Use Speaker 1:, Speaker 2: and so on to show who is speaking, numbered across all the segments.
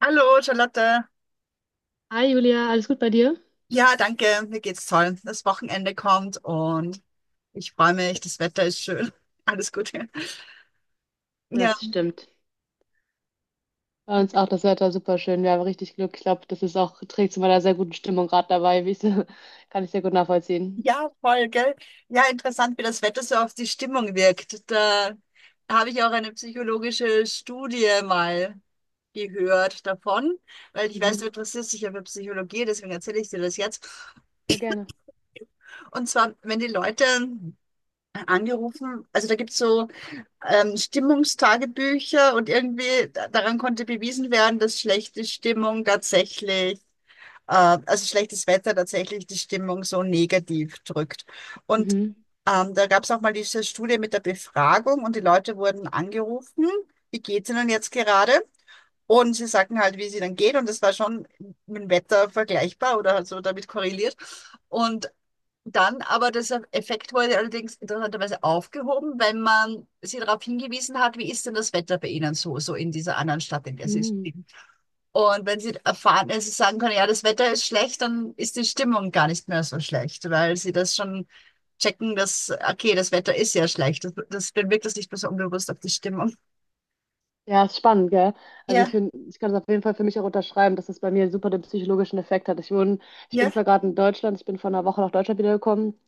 Speaker 1: Hallo, Charlotte.
Speaker 2: Hi Julia, alles gut bei dir?
Speaker 1: Ja, danke. Mir geht's toll. Das Wochenende kommt und ich freue mich. Das Wetter ist schön. Alles gut. Ja,
Speaker 2: Das stimmt. Bei uns auch das Wetter super schön. Wir haben richtig Glück. Ich glaube, das ist auch, trägt zu meiner sehr guten Stimmung gerade dabei. Wie ich, kann ich sehr gut nachvollziehen.
Speaker 1: ja, voll, gell? Ja, interessant, wie das Wetter so auf die Stimmung wirkt. Da habe ich auch eine psychologische Studie mal gehört davon, weil ich weiß, du
Speaker 2: Mhm.
Speaker 1: interessierst dich ja für Psychologie, deswegen erzähle ich dir das jetzt.
Speaker 2: Ja, gerne.
Speaker 1: Und zwar, wenn die Leute angerufen, also da gibt's so Stimmungstagebücher und irgendwie daran konnte bewiesen werden, dass schlechte Stimmung tatsächlich, also schlechtes Wetter tatsächlich die Stimmung so negativ drückt. Und
Speaker 2: Mhm.
Speaker 1: da gab es auch mal diese Studie mit der Befragung und die Leute wurden angerufen, wie geht's ihnen jetzt gerade? Und sie sagten halt, wie sie dann geht, und das war schon mit dem Wetter vergleichbar oder halt so damit korreliert. Und dann aber das Effekt wurde allerdings interessanterweise aufgehoben, weil man sie darauf hingewiesen hat, wie ist denn das Wetter bei Ihnen so, in dieser anderen Stadt, in der Sie
Speaker 2: Mhm.
Speaker 1: leben. Und wenn Sie erfahren, also sagen können, ja, das Wetter ist schlecht, dann ist die Stimmung gar nicht mehr so schlecht, weil Sie das schon checken, dass, okay, das Wetter ist ja schlecht. Das, dann wirkt das nicht mehr so unbewusst auf die Stimmung.
Speaker 2: Ja, ist spannend, gell? Also ich
Speaker 1: Ja,
Speaker 2: finde, ich kann es auf jeden Fall für mich auch unterschreiben, dass es bei mir super den psychologischen Effekt hat. Ich bin
Speaker 1: ja,
Speaker 2: zwar gerade in Deutschland, ich bin vor einer Woche nach Deutschland wiedergekommen.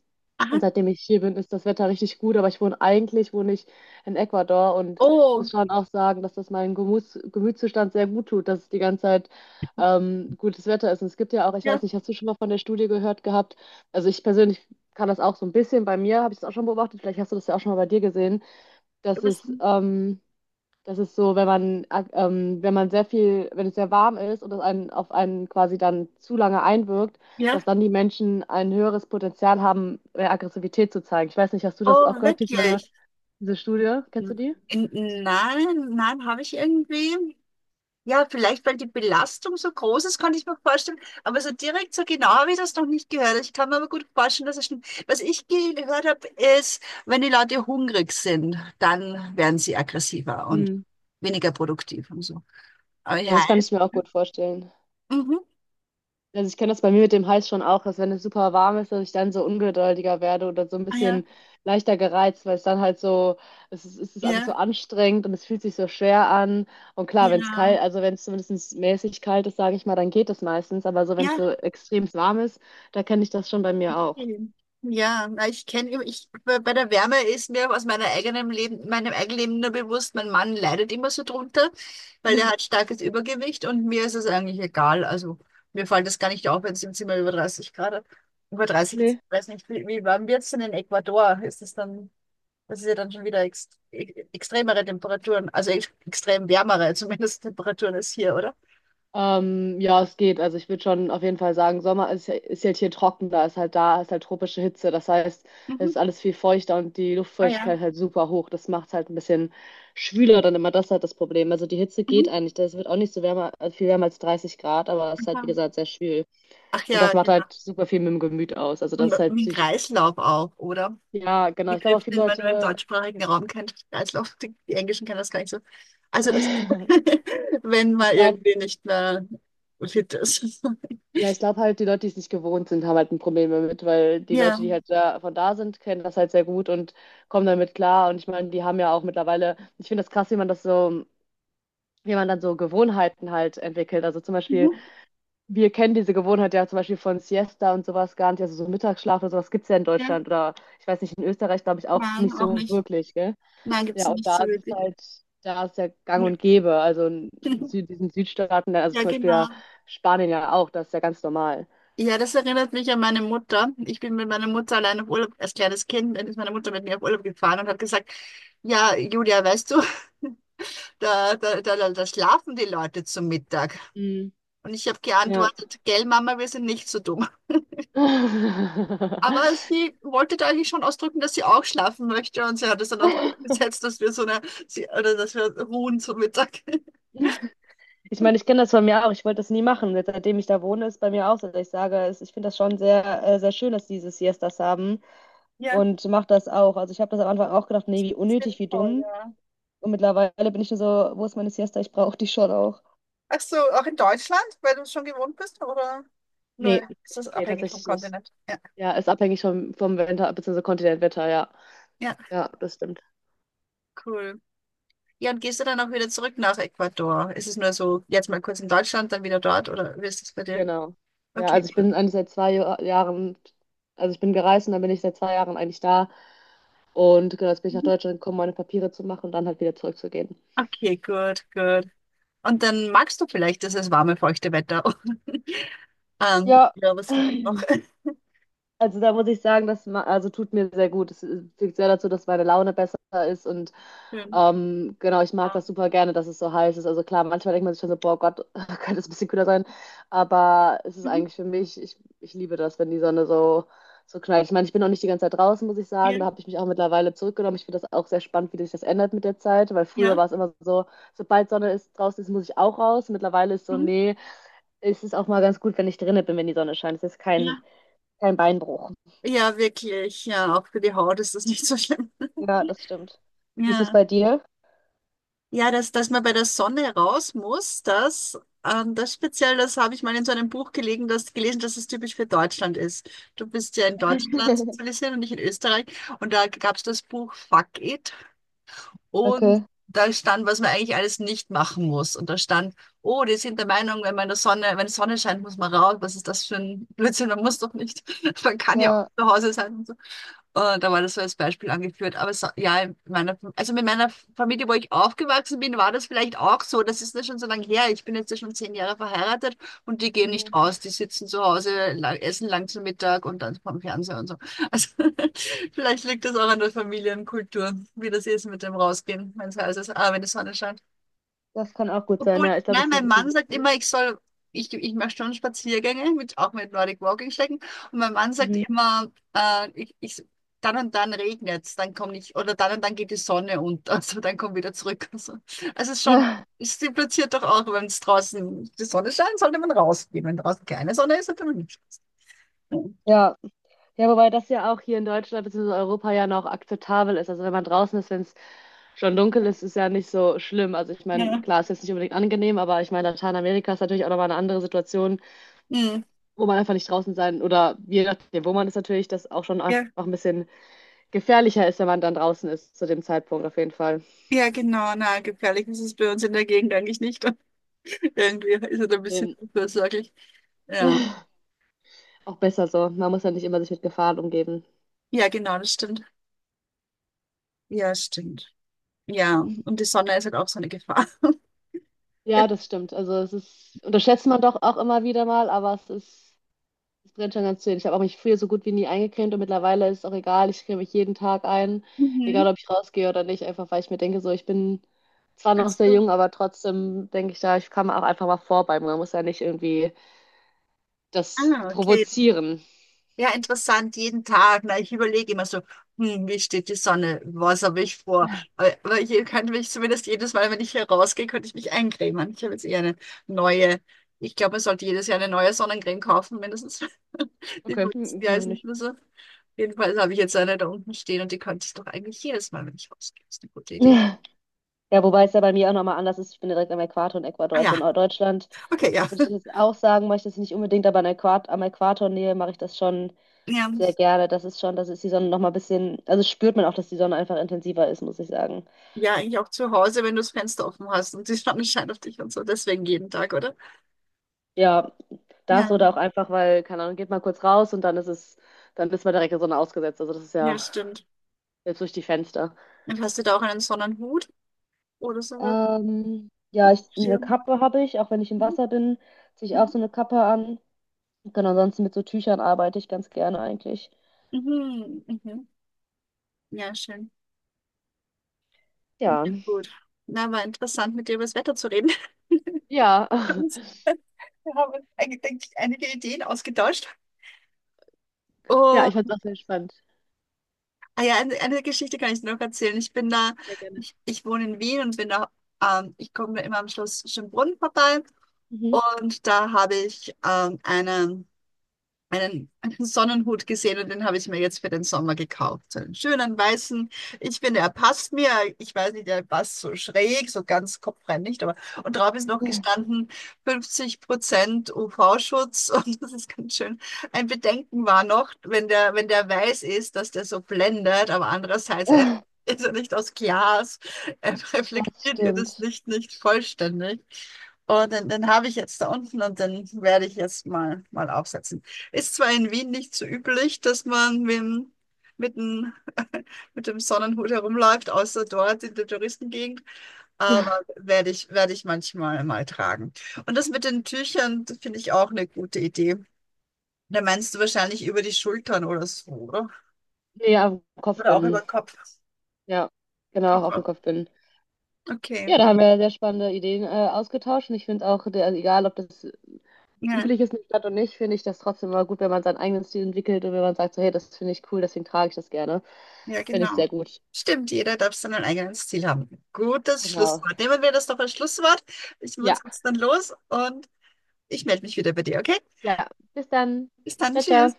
Speaker 2: Und
Speaker 1: aha.
Speaker 2: seitdem ich hier bin, ist das Wetter richtig gut, aber ich wohne eigentlich, wohne ich in Ecuador, und ich muss
Speaker 1: Oh,
Speaker 2: schon auch sagen, dass das meinem Gemütszustand sehr gut tut, dass es die ganze Zeit gutes Wetter ist. Und es gibt ja auch, ich
Speaker 1: ja,
Speaker 2: weiß nicht, hast du schon mal von der Studie gehört gehabt? Also ich persönlich kann das auch so ein bisschen, bei mir habe ich es auch schon beobachtet, vielleicht hast du das ja auch schon mal bei dir gesehen, dass
Speaker 1: was,
Speaker 2: es das ist so, wenn man, wenn man sehr viel, wenn es sehr warm ist und es einen, auf einen quasi dann zu lange einwirkt,
Speaker 1: ja,
Speaker 2: dass dann die Menschen ein höheres Potenzial haben, mehr Aggressivität zu zeigen. Ich weiß nicht, hast du das auch
Speaker 1: oh,
Speaker 2: gehört, diese,
Speaker 1: wirklich.
Speaker 2: diese Studie? Kennst du die?
Speaker 1: In, nein, nein, habe ich irgendwie. Ja, vielleicht, weil die Belastung so groß ist, kann ich mir vorstellen. Aber so direkt, so genau habe ich das noch nicht gehört. Ich kann mir aber gut vorstellen, dass es stimmt. Was ich gehört habe, ist, wenn die Leute hungrig sind, dann werden sie aggressiver und
Speaker 2: Hm.
Speaker 1: weniger produktiv und so. Aber
Speaker 2: Ja,
Speaker 1: ja,
Speaker 2: das kann ich mir auch gut vorstellen.
Speaker 1: mhm.
Speaker 2: Also ich kenne das bei mir mit dem Hals schon auch, dass wenn es super warm ist, dass ich dann so ungeduldiger werde oder so ein
Speaker 1: Ah, ja,
Speaker 2: bisschen leichter gereizt, weil es dann halt so, es ist alles so
Speaker 1: ja,
Speaker 2: anstrengend und es fühlt sich so schwer an. Und klar, wenn es
Speaker 1: ja,
Speaker 2: kalt, also wenn es zumindest mäßig kalt ist, sage ich mal, dann geht es meistens. Aber so, wenn es
Speaker 1: ja,
Speaker 2: so extrem warm ist, da kenne ich das schon bei mir auch.
Speaker 1: mhm. Ja, na, bei der Wärme ist mir aus meinem eigenen Leben nur bewusst, mein Mann leidet immer so drunter, weil er hat starkes Übergewicht und mir ist es eigentlich egal. Also mir fällt das gar nicht auf, wenn es im Zimmer über 30 Grad hat. Über 30,
Speaker 2: Nee.
Speaker 1: ich weiß nicht, wie warm wird es denn in Ecuador? Ist es dann, das ist ja dann schon wieder extremere Temperaturen, also extrem wärmere zumindest Temperaturen als hier, oder?
Speaker 2: Ja, es geht. Also ich würde schon auf jeden Fall sagen, Sommer ist halt hier trockener, ist halt da, ist halt tropische Hitze. Das heißt, es
Speaker 1: Mhm.
Speaker 2: ist alles viel feuchter und die
Speaker 1: Oh
Speaker 2: Luftfeuchtigkeit
Speaker 1: ja.
Speaker 2: halt super hoch. Das macht es halt ein bisschen schwüler dann immer. Das ist halt das Problem. Also die Hitze
Speaker 1: Mhm.
Speaker 2: geht eigentlich. Das wird auch nicht so wärmer, also viel wärmer als 30 Grad, aber es ist halt, wie gesagt, sehr schwül.
Speaker 1: Ach
Speaker 2: Und das
Speaker 1: ja,
Speaker 2: macht
Speaker 1: genau.
Speaker 2: halt super viel mit dem Gemüt aus. Also
Speaker 1: Und
Speaker 2: das ist halt
Speaker 1: mit
Speaker 2: psych.
Speaker 1: Kreislauf auch, oder?
Speaker 2: Ja, genau. Ich glaube auch
Speaker 1: Begriff,
Speaker 2: viele
Speaker 1: den man nur im
Speaker 2: Leute,
Speaker 1: deutschsprachigen Raum kennt. Kreislauf, die Englischen kennen das gar nicht so. Also das, wenn
Speaker 2: ich
Speaker 1: man
Speaker 2: glaube,
Speaker 1: irgendwie nicht mehr fit ist.
Speaker 2: ja, ich glaube halt, die Leute, die es nicht gewohnt sind, haben halt ein Problem damit, weil die
Speaker 1: Ja.
Speaker 2: Leute, die halt da, von da sind, kennen das halt sehr gut und kommen damit klar. Und ich meine, die haben ja auch mittlerweile, ich finde das krass, wie man das so, wie man dann so Gewohnheiten halt entwickelt. Also zum Beispiel,
Speaker 1: Mhm.
Speaker 2: wir kennen diese Gewohnheit ja zum Beispiel von Siesta und sowas gar nicht, also so Mittagsschlaf oder sowas gibt es ja in
Speaker 1: Ja.
Speaker 2: Deutschland oder ich weiß nicht, in Österreich glaube ich auch
Speaker 1: Nein,
Speaker 2: nicht
Speaker 1: auch
Speaker 2: so
Speaker 1: nicht.
Speaker 2: wirklich, gell?
Speaker 1: Nein, gibt es
Speaker 2: Ja, und
Speaker 1: nicht
Speaker 2: da
Speaker 1: so
Speaker 2: ist es
Speaker 1: wirklich.
Speaker 2: halt, da ist ja gang
Speaker 1: Ja.
Speaker 2: und gäbe. Also in Sü diesen Südstaaten, also
Speaker 1: Ja,
Speaker 2: zum Beispiel ja
Speaker 1: genau.
Speaker 2: Spanien ja auch, das ist ja ganz normal.
Speaker 1: Ja, das erinnert mich an meine Mutter. Ich bin mit meiner Mutter allein auf Urlaub, als kleines Kind, dann ist meine Mutter mit mir auf Urlaub gefahren und hat gesagt, ja, Julia, weißt du, da schlafen die Leute zum Mittag. Und ich habe
Speaker 2: Ja.
Speaker 1: geantwortet, gell, Mama, wir sind nicht so dumm. Aber sie wollte da eigentlich schon ausdrücken, dass sie auch schlafen möchte, und sie hat es dann auch durchgesetzt, dass wir oder dass wir ruhen zum Mittag.
Speaker 2: Ich meine, ich kenne das von mir auch. Ich wollte das nie machen. Seitdem ich da wohne, ist bei mir auch so, dass ich sage, ich finde das schon sehr, sehr schön, dass die diese Siestas haben,
Speaker 1: Ja,
Speaker 2: und mache das auch. Also ich habe das am Anfang auch gedacht, nee, wie unnötig, wie
Speaker 1: sinnvoll,
Speaker 2: dumm.
Speaker 1: ja.
Speaker 2: Und mittlerweile bin ich nur so, wo ist meine Siesta? Ich brauche die schon auch.
Speaker 1: Ach so, auch in Deutschland, weil du es schon gewohnt bist, oder nur
Speaker 2: Nee,
Speaker 1: ist das
Speaker 2: nee,
Speaker 1: abhängig vom
Speaker 2: tatsächlich nicht.
Speaker 1: Kontinent? Ja.
Speaker 2: Ja, ist abhängig vom Winter, beziehungsweise Kontinentwetter, ja.
Speaker 1: Ja,
Speaker 2: Ja, das stimmt.
Speaker 1: cool. Ja, und gehst du dann auch wieder zurück nach Ecuador? Ist es nur so, jetzt mal kurz in Deutschland, dann wieder dort, oder wie ist das bei dir?
Speaker 2: Genau. Ja,
Speaker 1: Okay,
Speaker 2: also ich
Speaker 1: gut.
Speaker 2: bin eigentlich seit zwei Jahren, also ich bin gereist und dann bin ich seit zwei Jahren eigentlich da. Und genau, jetzt bin ich nach
Speaker 1: Mhm.
Speaker 2: Deutschland gekommen, meine Papiere zu machen und dann halt wieder zurückzugehen.
Speaker 1: Okay, gut, gut. Und dann magst du vielleicht dieses warme, feuchte Wetter.
Speaker 2: Ja.
Speaker 1: Ja, was gibt es noch?
Speaker 2: Also da muss ich sagen, also tut mir sehr gut. Es führt sehr dazu, dass meine Laune besser ist. Und
Speaker 1: Schön.
Speaker 2: genau, ich mag
Speaker 1: Ja.
Speaker 2: das super gerne, dass es so heiß ist. Also klar, manchmal denkt man sich schon so, boah Gott, könnte es ein bisschen kühler sein. Aber es ist
Speaker 1: Mhm.
Speaker 2: eigentlich für mich, ich liebe das, wenn die Sonne so, so knallt. Ich meine, ich bin auch nicht die ganze Zeit draußen, muss ich
Speaker 1: Ja.
Speaker 2: sagen. Da habe ich mich auch mittlerweile zurückgenommen. Ich finde das auch sehr spannend, wie sich das ändert mit der Zeit, weil früher
Speaker 1: Ja.
Speaker 2: war es immer so, sobald Sonne ist, draußen ist, muss ich auch raus. Mittlerweile ist so,
Speaker 1: Mhm.
Speaker 2: nee, es ist auch mal ganz gut, wenn ich drinnen bin, wenn die Sonne scheint. Es ist kein,
Speaker 1: Ja.
Speaker 2: kein Beinbruch.
Speaker 1: Ja, wirklich. Ja, auch für die Haut ist das nicht so schlimm.
Speaker 2: Ja, das stimmt. Wie ist es
Speaker 1: Ja.
Speaker 2: bei dir?
Speaker 1: Ja, dass man bei der Sonne raus muss, das, das speziell, das habe ich mal in so einem Buch gelegen, das, gelesen, dass es typisch für Deutschland ist. Du bist ja in Deutschland sozialisiert und nicht in Österreich. Und da gab es das Buch Fuck It. Und
Speaker 2: Okay.
Speaker 1: da stand, was man eigentlich alles nicht machen muss. Und da stand, oh, die sind der Meinung, wenn man in der Sonne, wenn die Sonne scheint, muss man raus. Was ist das für ein Blödsinn? Man muss doch nicht. Man kann ja auch
Speaker 2: Ja.
Speaker 1: zu Hause sein. Da war das so als Beispiel angeführt. Aber so, ja, also mit meiner Familie, wo ich aufgewachsen bin, war das vielleicht auch so. Das ist ja schon so lange her. Ich bin jetzt ja schon 10 Jahre verheiratet, und die gehen nicht
Speaker 2: Mhm.
Speaker 1: aus. Die sitzen zu Hause, essen lang zu Mittag und dann vom Fernseher und so. Also vielleicht liegt das auch an der Familienkultur, wie das ist mit dem Rausgehen, wenn es heiß ist. Ah, wenn die Sonne scheint.
Speaker 2: Das kann auch gut sein,
Speaker 1: Obwohl,
Speaker 2: ja. Ich glaube, das
Speaker 1: nein,
Speaker 2: ist ja
Speaker 1: mein Mann
Speaker 2: gefühlt.
Speaker 1: sagt immer, ich mache schon Spaziergänge, auch mit Nordic Walking Stecken. Und mein Mann sagt
Speaker 2: Mhm.
Speaker 1: immer, dann und dann regnet's, dann komme ich, oder dann und dann geht die Sonne unter, also dann komm wieder zurück. Also, es impliziert doch auch, wenn es draußen die Sonne scheint, sollte man rausgehen. Wenn draußen keine Sonne ist, sollte man nicht rausgehen.
Speaker 2: Ja. Ja, wobei das ja auch hier in Deutschland bzw. Europa ja noch akzeptabel ist. Also wenn man draußen ist, wenn es schon dunkel ist, ist ja nicht so schlimm. Also ich meine,
Speaker 1: Ja.
Speaker 2: klar, ist jetzt nicht unbedingt angenehm, aber ich meine, Lateinamerika ist natürlich auch nochmal eine andere Situation,
Speaker 1: Hm.
Speaker 2: wo man einfach nicht draußen sein, oder je nachdem, wo man ist natürlich, das auch schon einfach
Speaker 1: Ja,
Speaker 2: ein bisschen gefährlicher ist, wenn man dann draußen ist zu dem Zeitpunkt, auf jeden Fall.
Speaker 1: ja, genau, na, gefährlich ist es bei uns in der Gegend eigentlich nicht. Irgendwie ist es ein bisschen
Speaker 2: Eben.
Speaker 1: unversorglich. Ja.
Speaker 2: Auch besser so. Man muss ja nicht immer sich mit Gefahren umgeben.
Speaker 1: Ja, genau, das stimmt. Ja, stimmt. Ja, und die Sonne ist halt auch so eine Gefahr.
Speaker 2: Ja,
Speaker 1: Ja.
Speaker 2: das stimmt. Also es ist, unterschätzt man doch auch immer wieder mal, aber es ist, es brennt schon ganz schön. Ich habe auch mich früher so gut wie nie eingecremt und mittlerweile ist es auch egal. Ich creme mich jeden Tag ein,
Speaker 1: Mhm.
Speaker 2: egal ob ich rausgehe oder nicht, einfach weil ich mir denke, so, ich bin zwar noch sehr
Speaker 1: Also,
Speaker 2: jung, aber trotzdem denke ich da, ich kann auch einfach mal vorbei. Man muss ja nicht irgendwie das
Speaker 1: ah, okay.
Speaker 2: provozieren.
Speaker 1: Ja, interessant, jeden Tag. Na, ich überlege immer so, wie steht die Sonne? Was habe ich vor? Aber hier könnte mich zumindest jedes Mal, wenn ich hier rausgehe, könnte ich mich eincremen. Ich habe jetzt eher eine neue. Ich glaube, man sollte jedes Jahr eine neue Sonnencreme kaufen, mindestens. Die
Speaker 2: Okay,
Speaker 1: von letzten
Speaker 2: hm,
Speaker 1: Jahr ist
Speaker 2: meine
Speaker 1: nicht
Speaker 2: ich.
Speaker 1: mehr so. Jedenfalls habe ich jetzt eine da unten stehen, und die könnte ich doch eigentlich jedes Mal, wenn ich rausgehe. Ist eine gute Idee.
Speaker 2: Ja, wobei es ja bei mir auch nochmal anders ist. Ich bin direkt am Äquator in Ecuador,
Speaker 1: Ah
Speaker 2: also
Speaker 1: ja,
Speaker 2: in Norddeutschland
Speaker 1: okay, ja.
Speaker 2: würde ich jetzt auch sagen, mache ich das nicht unbedingt, aber an Äquat am Äquator Nähe mache ich das schon
Speaker 1: Ja,
Speaker 2: sehr gerne. Das ist schon, das ist die Sonne noch mal ein bisschen, also spürt man auch, dass die Sonne einfach intensiver ist, muss ich sagen.
Speaker 1: ja, eigentlich auch zu Hause, wenn du das Fenster offen hast und die Sonne scheint auf dich und so. Deswegen jeden Tag, oder?
Speaker 2: Ja, das
Speaker 1: Ja,
Speaker 2: oder auch einfach, weil, keine Ahnung, geht mal kurz raus und dann ist es, dann ist man direkt der Sonne ausgesetzt. Also das ist
Speaker 1: ja,
Speaker 2: ja
Speaker 1: stimmt.
Speaker 2: selbst durch die Fenster.
Speaker 1: Und hast du da auch einen Sonnenhut oder sowas?
Speaker 2: Ja, ich, eine
Speaker 1: Schirm?
Speaker 2: Kappe habe ich, auch wenn ich im
Speaker 1: Mhm,
Speaker 2: Wasser bin, ziehe ich auch
Speaker 1: mhm,
Speaker 2: so eine Kappe an. Genau, ansonsten mit so Tüchern arbeite ich ganz gerne eigentlich.
Speaker 1: mhm. Mhm. Ja, schön. Ja,
Speaker 2: Ja.
Speaker 1: gut. Na, war interessant, mit dir über das Wetter zu reden.
Speaker 2: Ja,
Speaker 1: Und wir haben uns eigentlich, denke ich, einige Ideen ausgetauscht.
Speaker 2: ja,
Speaker 1: Oh,
Speaker 2: ich fand es auch sehr spannend.
Speaker 1: ah ja, eine Geschichte kann ich dir noch erzählen. Ich bin da,
Speaker 2: Sehr gerne.
Speaker 1: ich, ich wohne in Wien und bin da, ich komme immer am Schloss Schönbrunn vorbei.
Speaker 2: Mhm.
Speaker 1: Und da habe ich einen Sonnenhut gesehen, und den habe ich mir jetzt für den Sommer gekauft. So einen schönen weißen. Ich finde, er passt mir. Ich weiß nicht, er passt so schräg, so ganz kopfrein nicht, aber und drauf ist noch gestanden 50% UV-Schutz, und das ist ganz schön. Ein Bedenken war noch, wenn der weiß ist, dass der so blendet, aber andererseits er ist er nicht aus Glas. Er
Speaker 2: Das
Speaker 1: reflektiert ihr das
Speaker 2: stimmt.
Speaker 1: Licht nicht vollständig. Und den, den habe ich jetzt da unten, und den werde ich jetzt mal aufsetzen. Ist zwar in Wien nicht so üblich, dass man mit dem, mit dem Sonnenhut herumläuft, außer dort in der Touristengegend, aber werde ich, manchmal mal tragen. Und das mit den Tüchern, das finde ich auch eine gute Idee. Da meinst du wahrscheinlich über die Schultern oder so, oder?
Speaker 2: Nee, am
Speaker 1: Oder auch über
Speaker 2: Kopfbinden.
Speaker 1: den Kopf.
Speaker 2: Ja, genau, auf dem
Speaker 1: Kopf.
Speaker 2: Kopf bin.
Speaker 1: Okay,
Speaker 2: Ja, da haben wir sehr spannende Ideen ausgetauscht, und ich finde auch, der, also egal ob das
Speaker 1: ja,
Speaker 2: üblich ist in der Stadt oder nicht, finde ich das trotzdem immer gut, wenn man seinen eigenen Stil entwickelt und wenn man sagt, so, hey, das finde ich cool, deswegen trage ich das gerne.
Speaker 1: ja,
Speaker 2: Finde ich
Speaker 1: genau.
Speaker 2: sehr gut.
Speaker 1: Stimmt, jeder darf sein eigenes Ziel haben. Gutes
Speaker 2: Genau.
Speaker 1: Schlusswort. Nehmen wir das doch als Schlusswort. Ich muss
Speaker 2: Ja,
Speaker 1: jetzt dann los, und ich melde mich wieder bei dir, okay?
Speaker 2: ja. Bis dann.
Speaker 1: Bis dann,
Speaker 2: Ciao, ciao.
Speaker 1: tschüss.